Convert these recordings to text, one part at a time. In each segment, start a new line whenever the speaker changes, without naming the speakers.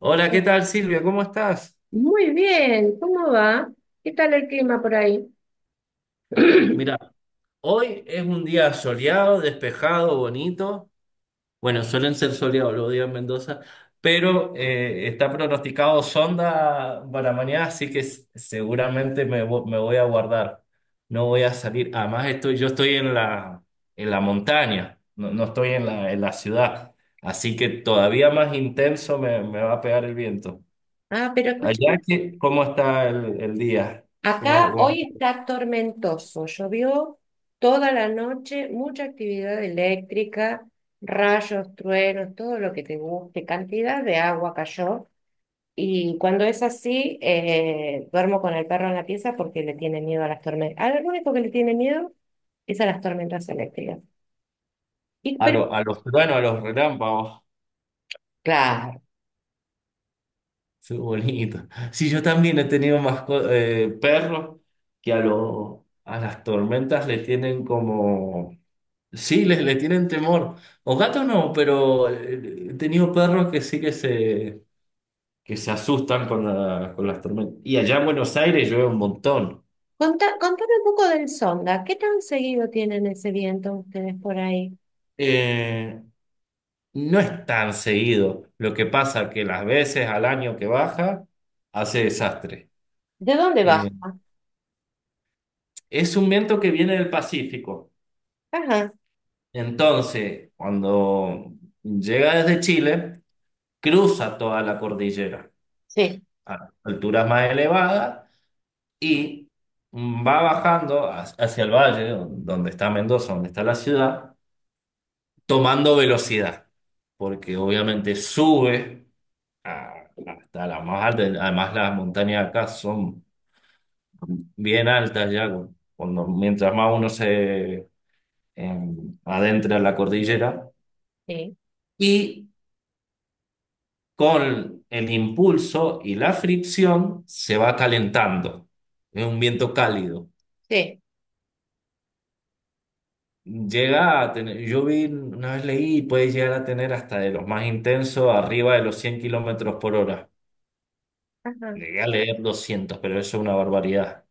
Hola, ¿qué tal Silvia? ¿Cómo estás?
Muy bien, ¿cómo va? ¿Qué tal el clima por ahí?
Mira, hoy es un día soleado, despejado, bonito. Bueno, suelen ser soleados los días en Mendoza, pero está pronosticado sonda para mañana, así que seguramente me voy a guardar. No voy a salir. Además, yo estoy en en la montaña, no, no estoy en en la ciudad, así que todavía más intenso me va a pegar el viento.
Ah, pero
Allá,
escúchame,
¿cómo está el día?
acá hoy está tormentoso, llovió toda la noche, mucha actividad eléctrica, rayos, truenos, todo lo que te guste, cantidad de agua cayó. Y cuando es así, duermo con el perro en la pieza porque le tiene miedo a las tormentas. Al único que le tiene miedo es a las tormentas eléctricas. Y,
A,
pero,
lo- a los truenos, a los relámpagos.
claro.
Qué bonito. Sí, yo también he tenido más perros que a las tormentas le tienen como. Sí, les le tienen temor. O gatos no, pero he tenido perros que sí que que se asustan con las tormentas. Y allá en Buenos Aires llueve un montón.
Contame un poco del Sonda. ¿Qué tan seguido tienen ese viento ustedes por ahí?
Eh, no es tan seguido. Lo que pasa que las veces al año que baja, hace desastre.
¿De dónde baja?
Eh, Es un viento que viene del Pacífico.
Ajá.
Entonces, cuando llega desde Chile, cruza toda la cordillera
Sí,
a alturas más elevadas y va bajando hacia el valle, donde está Mendoza, donde está la ciudad, tomando velocidad, porque obviamente sube a- hasta la más alta. Además, las montañas acá son bien altas ya, cuando, mientras más uno se adentra en la cordillera
sí,
y con el impulso y la fricción se va calentando. Es un viento cálido.
sí.
Llega a tener, yo vi, una vez leí, puede llegar a tener, hasta de los más intensos, arriba de los 100 kilómetros por hora.
Ajá.
Llegué a leer 200, pero eso es una barbaridad.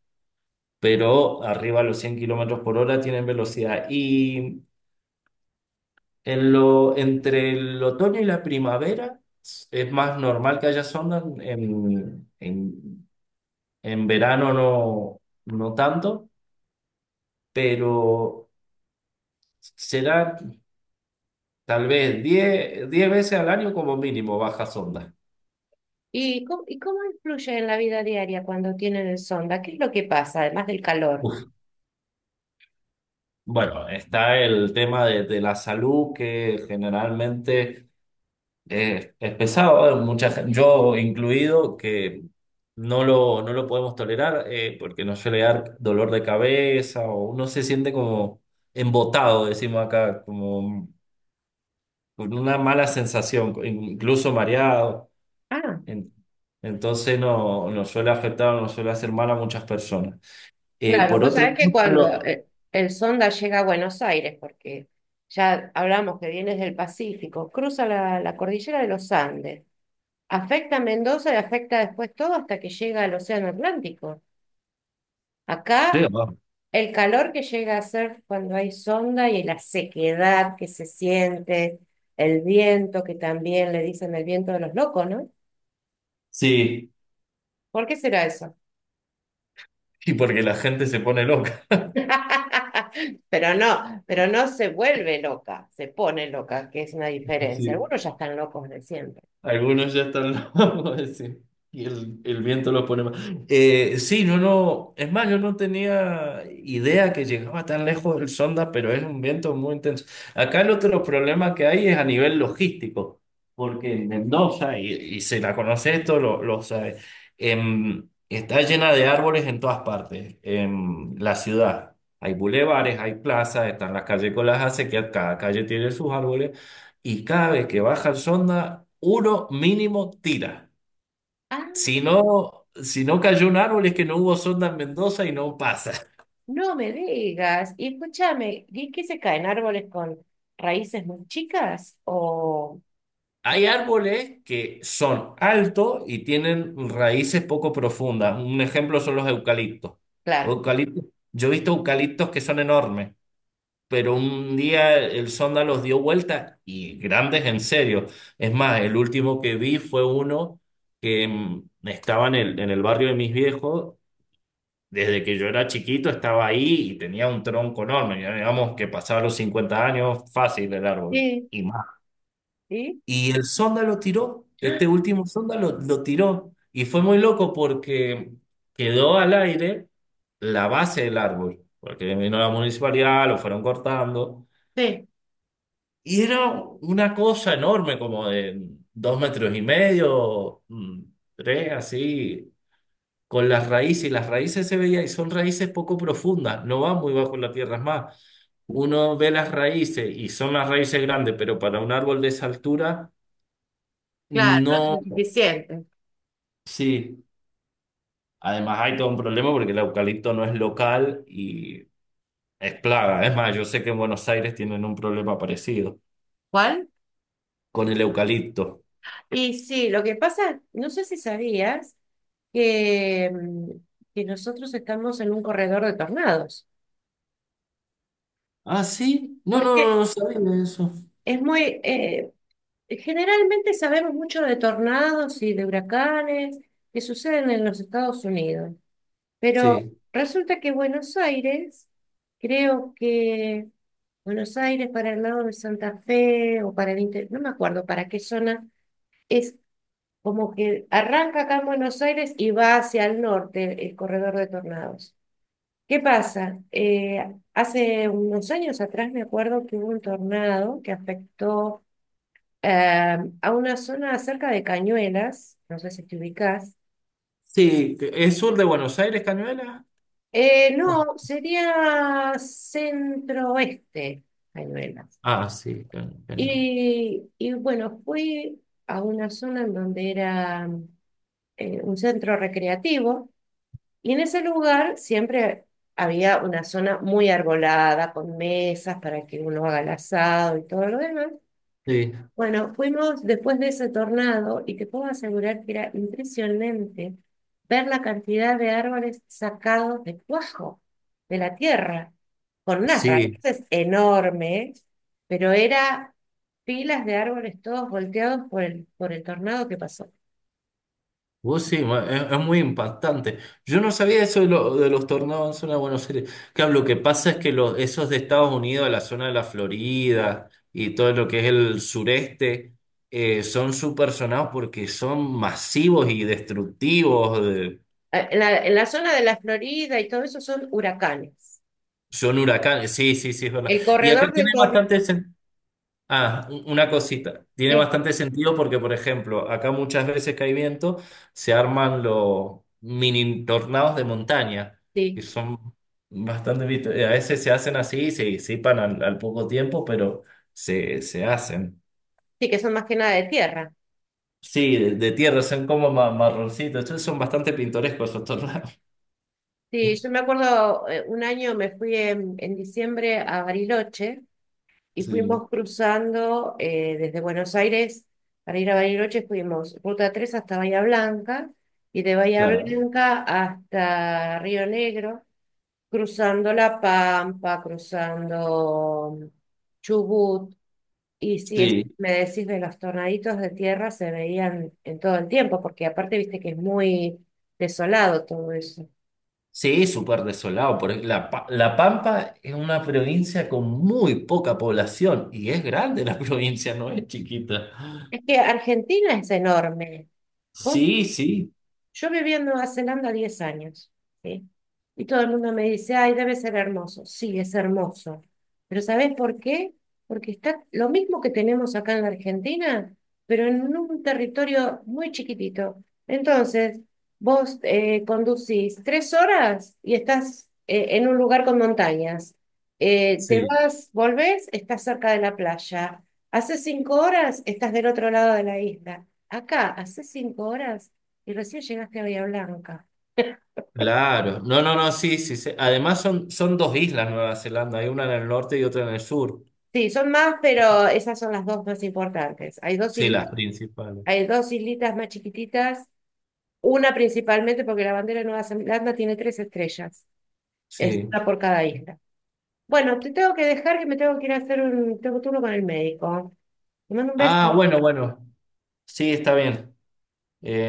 Pero arriba de los 100 kilómetros por hora tienen velocidad. Y entre el otoño y la primavera es más normal que haya zonas En verano no, no tanto, pero será tal vez diez veces al año como mínimo bajas ondas.
Y cómo influye en la vida diaria cuando tienen el Sonda? ¿Qué es lo que pasa, además del calor?
Uf, bueno, está el tema de la salud, que generalmente es pesado, yo incluido, que no lo, no lo podemos tolerar, porque nos suele dar dolor de cabeza, o uno se siente como embotado, decimos acá, como con una mala sensación, incluso mareado.
Ah,
En- Entonces no, no suele afectar, no suele hacer mal a muchas personas.
claro.
Por
Vos
otro
sabés que
lado,
cuando el Sonda llega a Buenos Aires, porque ya hablamos que viene del Pacífico, cruza la cordillera de los Andes, afecta a Mendoza y afecta después todo hasta que llega al Océano Atlántico.
sí,
Acá
ah,
el calor que llega a ser cuando hay sonda y la sequedad que se siente, el viento que también le dicen el viento de los locos, ¿no?
sí,
¿Por qué será eso?
sí, porque la gente se pone loca.
Pero no se vuelve loca, se pone loca, que es una diferencia.
Sí.
Algunos ya están locos de siempre.
Algunos ya están locos, sí. Y el viento los pone más. Sí, no, no. Es más, yo no tenía idea que llegaba tan lejos el sonda, pero es un viento muy intenso. Acá el otro problema que hay es a nivel logístico, porque en Mendoza, y se la conoce esto, lo sabe, está llena de árboles en todas partes, en la ciudad. Hay bulevares, hay plazas, están las calles con las acequias, cada calle tiene sus árboles, y cada vez que baja el sonda, uno mínimo tira.
Ah,
Si no, si no cayó un árbol, es que no hubo sonda en Mendoza y no pasa.
no me digas. Y escúchame, ¿y qué se caen árboles con raíces muy chicas? O-
Hay árboles que son altos y tienen raíces poco profundas. Un ejemplo son los eucaliptos. Los
claro.
eucaliptos, yo he visto eucaliptos que son enormes, pero un día el sonda los dio vuelta, y grandes en serio. Es más, el último que vi fue uno que estaba en en el barrio de mis viejos. Desde que yo era chiquito estaba ahí, y tenía un tronco enorme, ya digamos que pasaba los 50 años fácil el árbol
Sí,
y más.
sí.
Y el sonda lo tiró, este último sonda lo tiró, y fue muy loco porque quedó al aire la base del árbol, porque vino la municipalidad, lo fueron cortando,
Sí.
y era una cosa enorme como de 2,5 metros, tres así, con las raíces, y las raíces se veía, y son raíces poco profundas, no van muy bajo la tierra. Es más, uno ve las raíces y son las raíces grandes, pero para un árbol de esa altura,
Claro, no
no,
es suficiente.
sí. Además hay todo un problema porque el eucalipto no es local y es plaga. Es más, yo sé que en Buenos Aires tienen un problema parecido
¿Cuál?
con el eucalipto.
Y sí, lo que pasa, no sé si sabías que, que nosotros estamos en un corredor de tornados,
Ah, sí. No, no, no,
porque
no sabía eso.
es muy, generalmente sabemos mucho de tornados y de huracanes que suceden en los Estados Unidos, pero
Sí.
resulta que Buenos Aires, creo que Buenos Aires para el lado de Santa Fe o para el interior, no me acuerdo para qué zona es como que arranca acá en Buenos Aires y va hacia el norte el corredor de tornados. ¿Qué pasa? Hace unos años atrás me acuerdo que hubo un tornado que afectó a una zona cerca de Cañuelas, no sé si te ubicás.
Sí, ¿es sur de Buenos Aires, Cañuelas? Oh,
No, sería centro-oeste, Cañuelas.
ah, sí, Cañuelas.
Y bueno, fui a una zona en donde era un centro recreativo. Y en ese lugar siempre había una zona muy arbolada, con mesas para que uno haga el asado y todo lo demás.
Sí.
Bueno, fuimos después de ese tornado y te puedo asegurar que era impresionante ver la cantidad de árboles sacados de cuajo, de la tierra, con unas
Sí.
raíces enormes, pero era pilas de árboles todos volteados por el tornado que pasó.
Vos sí, es muy impactante. Yo no sabía eso de los tornados en zona de Buenos Aires. Claro, lo que pasa es que esos de Estados Unidos, la zona de la Florida y todo lo que es el sureste, son súper sonados porque son masivos y destructivos.
En la zona de la Florida y todo eso son huracanes.
Son huracanes. Sí, sí, sí, es verdad.
El
Y acá
corredor de
tiene
Torres,
bastante sentido. Ah, una cosita. Tiene
eh,
bastante sentido porque, por ejemplo, acá muchas veces que hay viento, se arman los mini tornados de montaña, que
sí,
son bastante vistos. A veces se hacen, así se disipan al poco tiempo, pero se hacen.
sí, que son más que nada de tierra.
Sí, de tierra, son como marroncitos. Entonces son bastante pintorescos esos tornados.
Sí, yo me acuerdo, un año me fui en diciembre a Bariloche y
Sí,
fuimos cruzando desde Buenos Aires para ir a Bariloche, fuimos Ruta 3 hasta Bahía Blanca y de Bahía
claro.
Blanca hasta Río Negro, cruzando La Pampa, cruzando Chubut. Y si es,
Sí.
me decís de los tornaditos de tierra, se veían en todo el tiempo, porque aparte viste que es muy desolado todo eso.
Sí, súper desolado, porque La Pampa es una provincia con muy poca población, y es grande la provincia, no es chiquita.
Es que Argentina es enorme. Vos
Sí, sí,
Yo viví en Nueva Zelanda 10 años, ¿sí? Y todo el mundo me dice, ay, debe ser hermoso. Sí, es hermoso. Pero ¿sabés por qué? Porque está lo mismo que tenemos acá en la Argentina, pero en un territorio muy chiquitito. Entonces, vos conducís 3 horas y estás en un lugar con montañas. Te
sí,
vas, volvés, estás cerca de la playa. Hace 5 horas estás del otro lado de la isla. Acá, hace 5 horas y recién llegaste a Bahía Blanca.
claro. No, no, no, sí, sí. Sí. Además son dos islas Nueva Zelanda, hay una en el norte y otra en el sur.
Sí, son más, pero esas son las dos más importantes.
Sí, las principales.
Hay dos islitas más chiquititas, una principalmente porque la bandera de Nueva Zelanda tiene tres estrellas, es
Sí.
una por cada isla. Bueno, te tengo que dejar que me tengo que ir a hacer un tengo turno con el médico. Te mando un beso.
Ah, bueno, bueno. Sí, está bien. Eh,